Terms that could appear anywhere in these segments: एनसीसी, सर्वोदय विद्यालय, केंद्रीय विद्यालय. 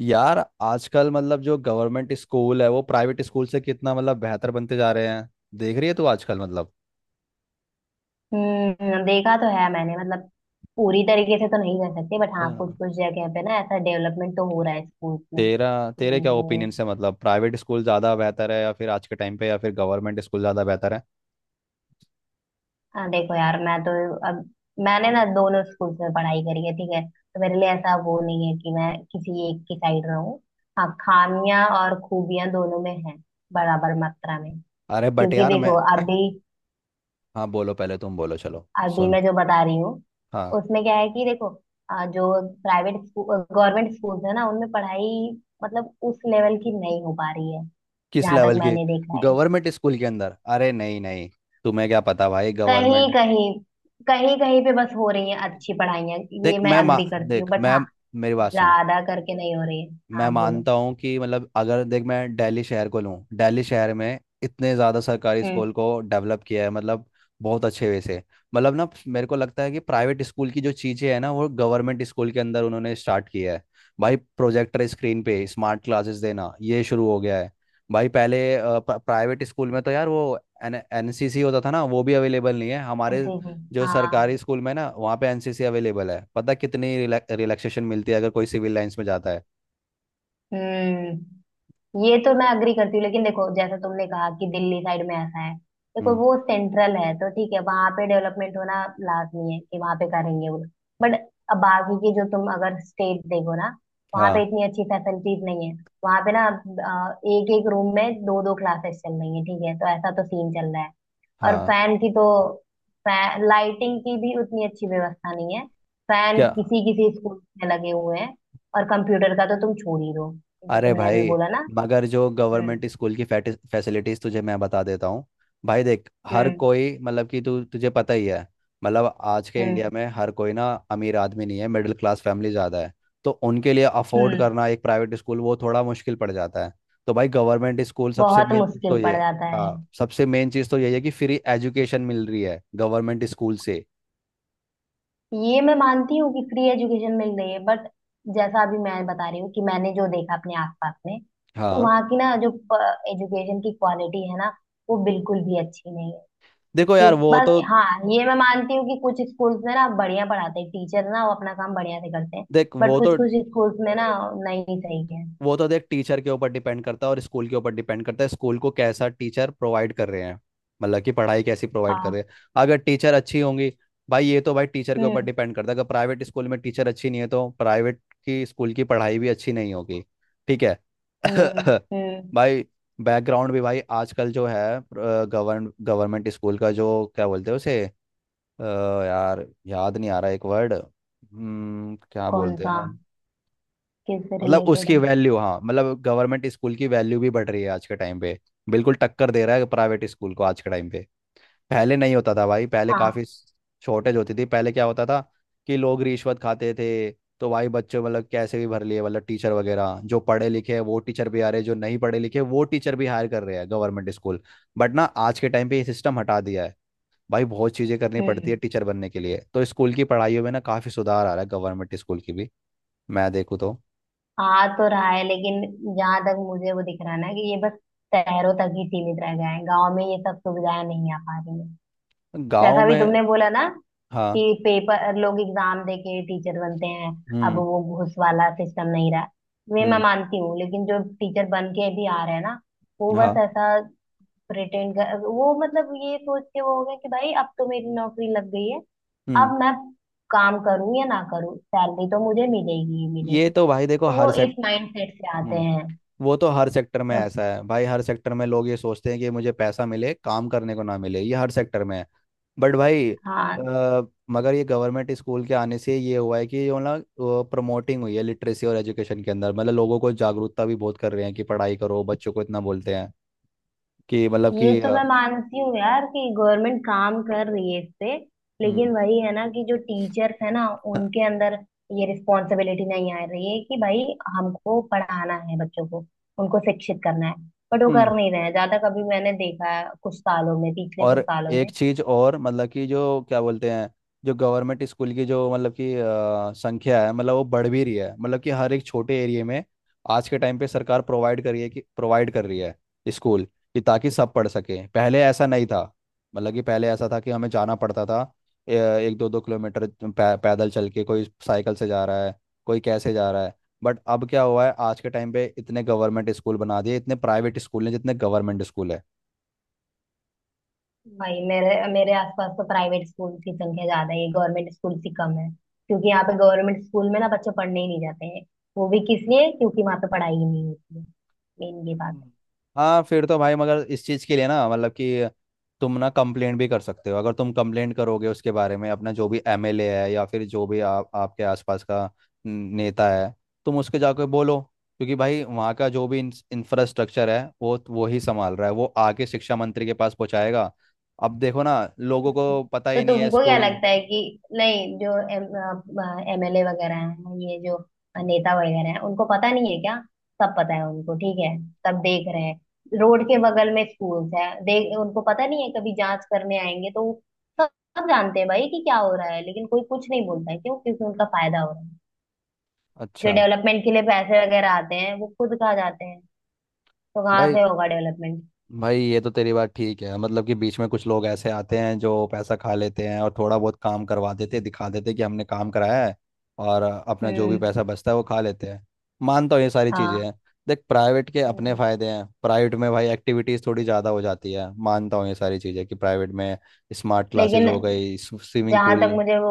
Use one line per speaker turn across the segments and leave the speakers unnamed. यार, आजकल मतलब जो गवर्नमेंट स्कूल है वो प्राइवेट स्कूल से कितना मतलब बेहतर बनते जा रहे हैं। देख रही है तू आजकल? मतलब
हम्म। देखा तो है मैंने, मतलब पूरी तरीके से तो नहीं कर सकते, बट हाँ कुछ
हाँ।
कुछ जगह पे ना ऐसा डेवलपमेंट तो हो रहा है स्कूल्स में
तेरा तेरे
कि
क्या
वो।
ओपिनियन है, मतलब प्राइवेट स्कूल ज़्यादा बेहतर है या फिर आज के टाइम पे, या फिर गवर्नमेंट स्कूल ज़्यादा बेहतर है?
हाँ देखो यार, मैं तो, अब मैंने ना दोनों स्कूल्स में पढ़ाई करी है ठीक है, तो मेरे लिए ऐसा वो नहीं है कि मैं किसी एक की साइड रहूं। हाँ, खामियां और खूबियां दोनों में है, बराबर मात्रा में।
अरे बट
क्योंकि
यार मैं...
देखो, अभी
हाँ, बोलो, पहले तुम बोलो, चलो।
अभी
सुन।
मैं जो बता रही हूँ
हाँ।
उसमें क्या है कि देखो, जो प्राइवेट स्कूल, गवर्नमेंट स्कूल है ना, उनमें पढ़ाई, मतलब उस लेवल की नहीं हो पा रही है,
किस
जहां तक
लेवल के?
मैंने देखा है।
गवर्नमेंट स्कूल के अंदर? अरे नहीं नहीं, तुम्हें क्या पता भाई
कहीं
गवर्नमेंट।
कहीं कहीं कहीं पे बस हो रही है अच्छी पढ़ाइयाँ। ये मैं अग्री करती हूँ,
देख,
बट
मैं...
हाँ,
मेरी बात सुन।
ज्यादा करके नहीं हो रही है।
मैं
हाँ बोलो।
मानता हूँ कि मतलब अगर देख, मैं दिल्ली शहर को लूँ, दिल्ली शहर में इतने ज़्यादा सरकारी
हम्म।
स्कूल को डेवलप किया है, मतलब बहुत अच्छे वे से। मतलब ना, मेरे को लगता है कि प्राइवेट स्कूल की जो चीज़ें हैं ना वो गवर्नमेंट स्कूल के अंदर उन्होंने स्टार्ट किया है। भाई प्रोजेक्टर स्क्रीन पे स्मार्ट क्लासेस देना, ये शुरू हो गया है। भाई पहले प्राइवेट स्कूल में तो यार वो एन एनसीसी होता था ना, वो भी अवेलेबल नहीं है हमारे।
जी जी।
जो
हाँ।
सरकारी स्कूल में ना, वहाँ पे एनसीसी अवेलेबल है, पता कितनी रिलैक्सेशन मिलती है अगर कोई सिविल लाइंस में जाता है।
हम्म। ये तो मैं अग्री करती हूँ, लेकिन देखो जैसा तुमने कहा कि दिल्ली साइड में ऐसा है। देखो
हम्म।
वो सेंट्रल है तो ठीक है, वहां पे डेवलपमेंट होना लाजमी है कि वहां पे करेंगे वो। बट अब बाकी के जो, तुम अगर स्टेट देखो ना, वहां पे
हाँ।
इतनी अच्छी फैसिलिटीज नहीं है। वहां पे ना एक एक रूम में दो दो क्लासेस चल रही है, ठीक है, तो ऐसा तो सीन चल रहा है। और
हाँ।
फैन की तो, फैन लाइटिंग की भी उतनी अच्छी व्यवस्था नहीं है। फैन
क्या?
किसी किसी स्कूल में लगे हुए हैं। और कंप्यूटर का तो तुम छोड़ ही दो, जो
अरे
तुमने अभी
भाई,
बोला ना।
मगर जो
हम्म।
गवर्नमेंट स्कूल की फैसिलिटीज तुझे मैं बता देता हूँ। भाई देख, हर
हम्म।
कोई मतलब कि तू... तुझे पता ही है। मतलब आज के इंडिया
हम्म।
में हर कोई ना अमीर आदमी नहीं है, मिडिल क्लास फैमिली ज़्यादा है। तो उनके लिए अफोर्ड
हम्म।
करना एक प्राइवेट स्कूल वो थोड़ा मुश्किल पड़ जाता है। तो भाई गवर्नमेंट स्कूल सबसे
बहुत
मेन चीज़ तो
मुश्किल
ये...
पड़ जाता है।
हाँ, सबसे मेन चीज़ तो यही है कि फ्री एजुकेशन मिल रही है गवर्नमेंट स्कूल से।
ये मैं मानती हूँ कि फ्री एजुकेशन मिल रही है, बट जैसा अभी मैं बता रही हूँ कि मैंने जो देखा अपने आसपास में, तो
हाँ।
वहाँ की ना जो एजुकेशन की क्वालिटी है ना, वो बिल्कुल भी अच्छी नहीं है।
देखो यार
क्यों,
वो तो
बस हाँ, ये मैं मानती हूँ कि कुछ स्कूल्स में ना बढ़िया पढ़ाते हैं टीचर, ना वो अपना काम बढ़िया से करते हैं,
देख
बट कुछ कुछ स्कूल्स में ना नहीं सही है।
वो तो देख, टीचर के ऊपर डिपेंड करता है और स्कूल के ऊपर डिपेंड करता है, स्कूल को कैसा टीचर प्रोवाइड कर रहे हैं, मतलब कि पढ़ाई कैसी प्रोवाइड कर
हाँ।
रहे हैं। अगर टीचर अच्छी होंगी... भाई ये तो भाई टीचर के ऊपर
हम्म।
डिपेंड करता है, अगर प्राइवेट स्कूल में टीचर अच्छी नहीं है तो प्राइवेट की स्कूल की पढ़ाई भी अच्छी नहीं होगी। ठीक है।
हम्म। हम्म।
भाई, बैकग्राउंड भी भाई आजकल जो है, गवर्नमेंट स्कूल का जो क्या बोलते हैं उसे? अ, यार याद नहीं आ रहा एक वर्ड। क्या
कौन
बोलते
सा?
हैं?
किससे
मतलब
रिलेटेड
उसकी
है?
वैल्यू, हाँ, मतलब गवर्नमेंट स्कूल की वैल्यू भी बढ़ रही है आज के टाइम पे। बिल्कुल टक्कर दे रहा है प्राइवेट स्कूल को आज के टाइम पे। पहले नहीं होता था भाई, पहले काफ़ी शॉर्टेज होती थी। पहले क्या होता था कि लोग रिश्वत खाते थे, तो भाई बच्चों मतलब कैसे भी भर लिए, मतलब टीचर वगैरह, जो पढ़े लिखे हैं वो टीचर भी आ रहे हैं, जो नहीं पढ़े लिखे वो टीचर भी हायर कर रहे हैं गवर्नमेंट स्कूल। बट ना आज के टाइम पे ये सिस्टम हटा दिया है। भाई बहुत चीज़ें करनी पड़ती
हाँ,
है टीचर बनने के लिए, तो स्कूल की पढ़ाइयों में ना काफ़ी सुधार आ रहा है गवर्नमेंट स्कूल की भी, मैं देखूँ तो।
आ तो रहा है, लेकिन जहां तक मुझे वो दिख रहा है ना, कि ये बस शहरों तक ही सीमित रह गया है, गांव में ये सब सुविधाएं नहीं आ पा रही है।
गाँव
जैसा भी
में?
तुमने बोला ना, कि
हाँ।
पेपर लोग एग्जाम देके टीचर बनते हैं, अब
हम्म।
वो घूस वाला सिस्टम नहीं रहा, ये मैं
हम्म।
मानती हूँ। लेकिन जो टीचर बन के भी आ रहे हैं ना, वो बस
हाँ।
ऐसा प्रिटेंड कर, वो मतलब ये सोच के वो हो गया कि भाई अब तो मेरी नौकरी लग गई है,
हम्म।
अब मैं काम करूं या ना करूं, सैलरी तो मुझे मिलेगी ही
ये
मिलेगी,
तो भाई, देखो
तो
हर
वो
सेक्ट
इस माइंड सेट से आते
हम्म
हैं
वो तो हर सेक्टर में
तो।
ऐसा है भाई, हर सेक्टर में लोग ये सोचते हैं कि मुझे पैसा मिले, काम करने को ना मिले, ये हर सेक्टर में है। बट भाई
हाँ,
मगर ये गवर्नमेंट स्कूल के आने से ये हुआ है कि जो ना प्रमोटिंग हुई है लिटरेसी और एजुकेशन के अंदर, मतलब लोगों को जागरूकता भी बहुत कर रहे हैं कि पढ़ाई करो, बच्चों को इतना बोलते हैं कि मतलब
ये
कि
तो मैं मानती हूँ यार कि गवर्नमेंट काम कर रही है इस पे, लेकिन
हम्म।
वही है ना कि जो टीचर्स है ना, उनके अंदर ये रिस्पॉन्सिबिलिटी नहीं आ रही है कि भाई हमको पढ़ाना है बच्चों को, उनको शिक्षित करना है, बट वो कर नहीं रहे हैं ज्यादा। कभी मैंने देखा है, कुछ सालों में, पिछले कुछ
और
सालों
एक
में।
चीज और, मतलब कि जो क्या बोलते हैं, जो गवर्नमेंट स्कूल की जो मतलब कि संख्या है, मतलब वो बढ़ भी रही है मतलब कि हर एक छोटे एरिया में। आज के टाइम पे सरकार प्रोवाइड कर रही है, कि प्रोवाइड कर रही है स्कूल, कि ताकि सब पढ़ सकें। पहले ऐसा नहीं था। मतलब कि पहले ऐसा था कि हमें जाना पड़ता था, 1-2 किलोमीटर पैदल चल के, कोई साइकिल से जा रहा है, कोई कैसे जा रहा है। बट अब क्या हुआ है, आज के टाइम पे इतने गवर्नमेंट स्कूल बना दिए, इतने प्राइवेट स्कूल हैं जितने गवर्नमेंट स्कूल है।
भाई मेरे मेरे आसपास तो प्राइवेट स्कूल की संख्या ज्यादा है, गवर्नमेंट स्कूल से कम है, क्योंकि यहाँ पे गवर्नमेंट स्कूल में ना बच्चे पढ़ने ही नहीं जाते हैं। वो भी किस लिए? क्योंकि वहाँ पे पढ़ाई ही नहीं होती है। मेन ये बात
हम्म।
है।
हाँ, फिर तो भाई मगर इस चीज़ के लिए ना मतलब कि तुम ना कंप्लेंट भी कर सकते हो। अगर तुम कंप्लेंट करोगे उसके बारे में, अपना जो भी एमएलए है या फिर जो भी आप आपके आसपास का नेता है, तुम उसके जाकर बोलो। क्योंकि भाई वहाँ का जो भी इंफ्रास्ट्रक्चर है वो ही संभाल रहा है, वो आके शिक्षा मंत्री के पास पहुँचाएगा। अब देखो ना, लोगों को पता
तो
ही नहीं है
तुमको क्या
स्कूल।
लगता है कि, नहीं जो एमएलए वगैरह हैं, ये जो नेता वगैरह हैं, उनको पता नहीं है क्या? सब पता है उनको, ठीक है। सब देख रहे हैं, रोड के बगल में स्कूल्स है, देख उनको पता नहीं है कभी जांच करने आएंगे तो? सब सब जानते हैं भाई कि क्या हो रहा है, लेकिन कोई कुछ नहीं बोलता है। क्यों? क्योंकि उनका फायदा हो रहा है। जो
अच्छा।
डेवलपमेंट के लिए पैसे वगैरह आते हैं वो खुद खा जाते हैं, तो कहाँ
भाई
से होगा डेवलपमेंट?
भाई ये तो तेरी बात ठीक है, मतलब कि बीच में कुछ लोग ऐसे आते हैं जो पैसा खा लेते हैं और थोड़ा बहुत काम करवा देते हैं, दिखा देते हैं कि हमने काम कराया है, और अपना जो भी
हम्म।
पैसा बचता है वो खा लेते हैं। मानता हूँ ये सारी चीज़ें
हाँ।
हैं। देख, प्राइवेट के अपने
हम्म।
फ़ायदे हैं, प्राइवेट में भाई एक्टिविटीज़ थोड़ी ज़्यादा हो जाती है, मानता हूँ ये सारी चीज़ें कि प्राइवेट में स्मार्ट क्लासेस
लेकिन
हो गई, स्विमिंग
जहां
पूल।
तक मुझे वो,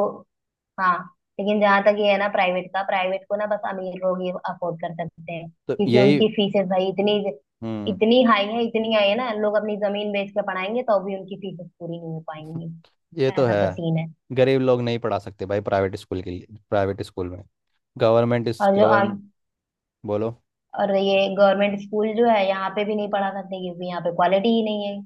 हाँ, लेकिन जहां तक ये है ना, प्राइवेट का, प्राइवेट को ना बस अमीर लोग ही अफोर्ड कर सकते हैं,
तो
क्योंकि
यही...
उनकी फीसें भाई इतनी,
हम्म।
इतनी हाई है, इतनी हाई है ना, लोग अपनी जमीन बेच के पढ़ाएंगे तो भी उनकी फीसें पूरी नहीं हो पाएंगी,
ये तो
ऐसा
है।
तो सीन है।
गरीब लोग नहीं पढ़ा सकते भाई प्राइवेट स्कूल के लिए, प्राइवेट स्कूल में। गवर्नमेंट इस
और जो
गवर्नमेंट... बोलो।
और ये गवर्नमेंट स्कूल जो है, यहाँ पे भी नहीं पढ़ा सकते, क्योंकि यहाँ पे क्वालिटी ही नहीं है।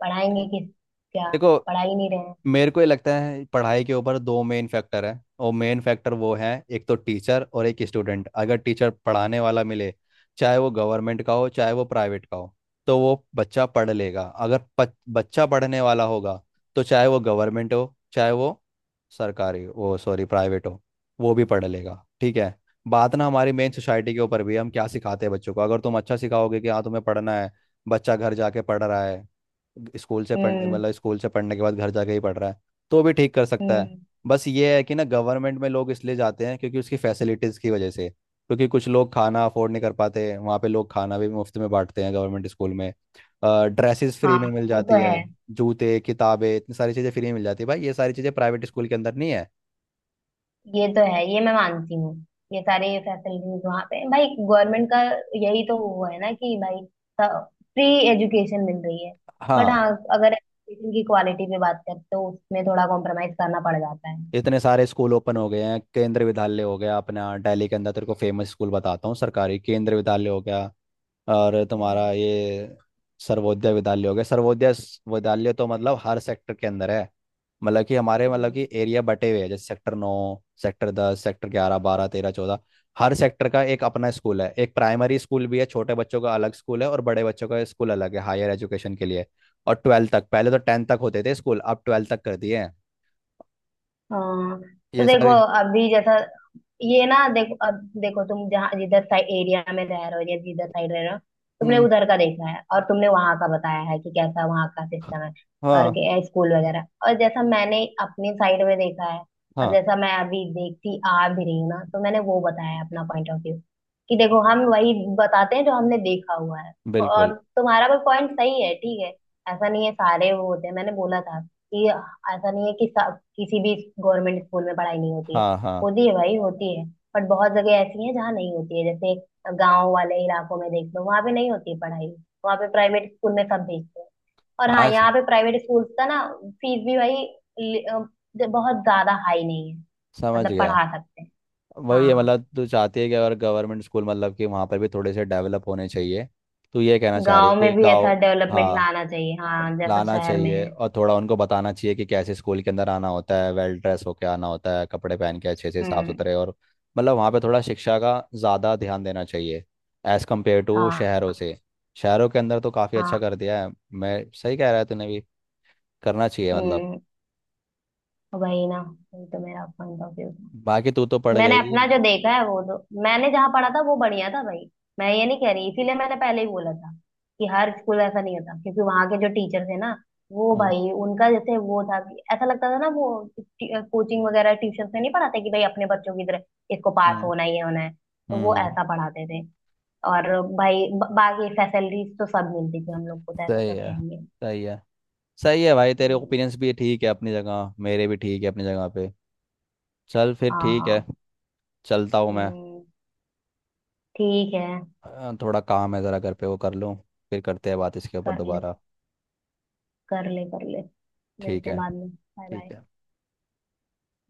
पढ़ाएंगे किस? क्या?
देखो,
पढ़ा ही नहीं रहे हैं।
मेरे को ये लगता है पढ़ाई के ऊपर दो मेन फैक्टर है, और मेन फैक्टर वो है, एक तो टीचर और एक स्टूडेंट। अगर टीचर पढ़ाने वाला मिले, चाहे वो गवर्नमेंट का हो चाहे वो प्राइवेट का हो, तो वो बच्चा पढ़ लेगा। अगर बच्चा पढ़ने वाला होगा, तो चाहे वो गवर्नमेंट हो चाहे वो सरकारी, वो सॉरी प्राइवेट हो, वो भी पढ़ लेगा। ठीक है। बात ना हमारी मेन सोसाइटी के ऊपर भी है, हम क्या सिखाते हैं बच्चों को। अगर तुम अच्छा सिखाओगे कि हाँ तुम्हें पढ़ना है, बच्चा घर जाके पढ़ रहा है, स्कूल से पढ़ने
हम्म।
मतलब स्कूल से पढ़ने के बाद घर जाके ही पढ़ रहा है, तो भी ठीक कर सकता है।
हम्म।
बस ये है कि ना गवर्नमेंट में लोग इसलिए जाते हैं क्योंकि उसकी फैसिलिटीज़ की वजह से, क्योंकि कुछ लोग खाना अफोर्ड नहीं कर पाते, वहाँ पे लोग खाना भी मुफ्त में बांटते हैं गवर्नमेंट स्कूल में। ड्रेसेस फ्री
हाँ।
में मिल
वो
जाती
तो
है,
है।
जूते, किताबें, इतनी सारी चीज़ें फ्री में मिल जाती है भाई, ये सारी चीज़ें प्राइवेट स्कूल के अंदर नहीं है।
ये तो है, ये मैं मानती हूँ। ये सारे फैसिलिटीज वहां पे हैं। भाई गवर्नमेंट का, यही तो वो है ना कि भाई फ्री एजुकेशन मिल रही है। बट हाँ,
हाँ।
अगर एजुकेशन की क्वालिटी पे बात करें तो उसमें थोड़ा कॉम्प्रोमाइज करना पड़ जाता है।
इतने सारे स्कूल ओपन हो गए हैं, केंद्रीय विद्यालय हो गया अपना दिल्ली के अंदर, तेरे को फेमस स्कूल बताता हूँ सरकारी, केंद्रीय विद्यालय हो गया, और तुम्हारा
हम्म।
ये सर्वोदय विद्यालय हो गया। सर्वोदय विद्यालय तो मतलब हर सेक्टर के अंदर है, मतलब कि हमारे मतलब
हम्म।
कि एरिया बटे हुए हैं, जैसे सेक्टर 9, सेक्टर 10, सेक्टर 11, 12, 13, 14। हर सेक्टर का एक अपना स्कूल है, एक प्राइमरी स्कूल भी है, छोटे बच्चों का अलग स्कूल है और बड़े बच्चों का स्कूल अलग है हायर एजुकेशन के लिए। और 12th तक, पहले तो 10th तक होते थे स्कूल, अब 12th तक कर दिए हैं।
हाँ। तो
ये
देखो,
सारे...
अभी जैसा ये ना, देखो अब, देखो तुम जहाँ, जिधर साइड एरिया में रह रहे हो, या जिधर साइड रह रहे हो, तुमने
हम्म।
उधर का देखा है और तुमने वहां का बताया है कि कैसा वहां का सिस्टम है। और
हाँ।
स्कूल वगैरह, और जैसा मैंने अपनी साइड में देखा है, और
हाँ,
जैसा मैं अभी देखती आ भी रही हूँ ना, तो मैंने वो बताया है अपना पॉइंट ऑफ व्यू, कि देखो हम वही बताते हैं जो हमने देखा हुआ है।
बिल्कुल।
और तुम्हारा भी पॉइंट सही है, ठीक है। ऐसा नहीं है सारे वो होते हैं, मैंने बोला था कि ऐसा नहीं है कि किसी भी गवर्नमेंट स्कूल में पढ़ाई नहीं होती है।
हाँ। हाँ।
होती है भाई, होती है। बट बहुत जगह ऐसी है जहाँ नहीं होती है, जैसे गांव वाले इलाकों में देख लो, वहां पे नहीं होती है पढ़ाई। वहां पे प्राइवेट स्कूल में सब भेजते हैं। और हाँ,
आज...
यहाँ पे प्राइवेट स्कूल का ना, फीस भी भाई लि- अ, बहुत ज्यादा हाई नहीं है,
समझ
मतलब
गया।
पढ़ा सकते हैं।
वही है
हाँ,
मतलब, तू चाहती है कि अगर गवर्नमेंट स्कूल मतलब कि वहाँ पर भी थोड़े से डेवलप होने चाहिए, तो ये कहना चाह रही है
गांव में
कि
भी ऐसा
गाँव,
डेवलपमेंट
हाँ।
लाना चाहिए हाँ, जैसा
लाना
शहर में
चाहिए
है।
और थोड़ा उनको बताना चाहिए कि कैसे स्कूल के अंदर आना होता है, वेल ड्रेस होके आना होता है, कपड़े पहन के अच्छे से साफ
हम्म।
सुथरे, और मतलब वहाँ पे थोड़ा शिक्षा का ज़्यादा ध्यान देना चाहिए, एज़ कम्पेयर टू शहरों
हाँ।
से। शहरों के अंदर तो काफ़ी अच्छा
हाँ।
कर दिया है, मैं सही कह रहा है तूने भी, करना चाहिए मतलब।
हम्म। वही ना, वही तो मेरा पॉइंट ऑफ व्यू।
बाकी तू तो पढ़
मैंने
गई।
अपना जो देखा है वो तो, मैंने जहाँ पढ़ा था वो बढ़िया था भाई, मैं ये नहीं कह रही, इसीलिए मैंने पहले ही बोला था कि हर स्कूल ऐसा नहीं होता। क्योंकि वहां के जो टीचर थे ना, वो
हम्म।
भाई उनका, जैसे वो था कि ऐसा लगता था ना वो, कोचिंग वगैरह ट्यूशन से नहीं पढ़ाते, कि भाई अपने बच्चों की तरह इसको पास
हम्म।
होना ही होना है, तो
हम्म,
वो
हम्म,
ऐसा पढ़ाते थे। और भाई बाकी फैसिलिटीज तो सब मिलती थी हम लोग को, तो ऐसा
सही
तो
है।
रहेंगे।
सही है। सही है भाई, तेरे
हम्म।
ओपिनियंस भी ठीक है अपनी जगह, मेरे भी ठीक है अपनी जगह पे। चल फिर, ठीक है।
हाँ।
चलता हूँ मैं।
हम्म। ठीक है।
थोड़ा काम है ज़रा घर पे, वो कर लूँ, फिर करते हैं बात इसके ऊपर
कर ले,
दोबारा।
कर ले, कर ले।
ठीक
मिलते हैं
है।
बाद में, बाय
ठीक
बाय।
है।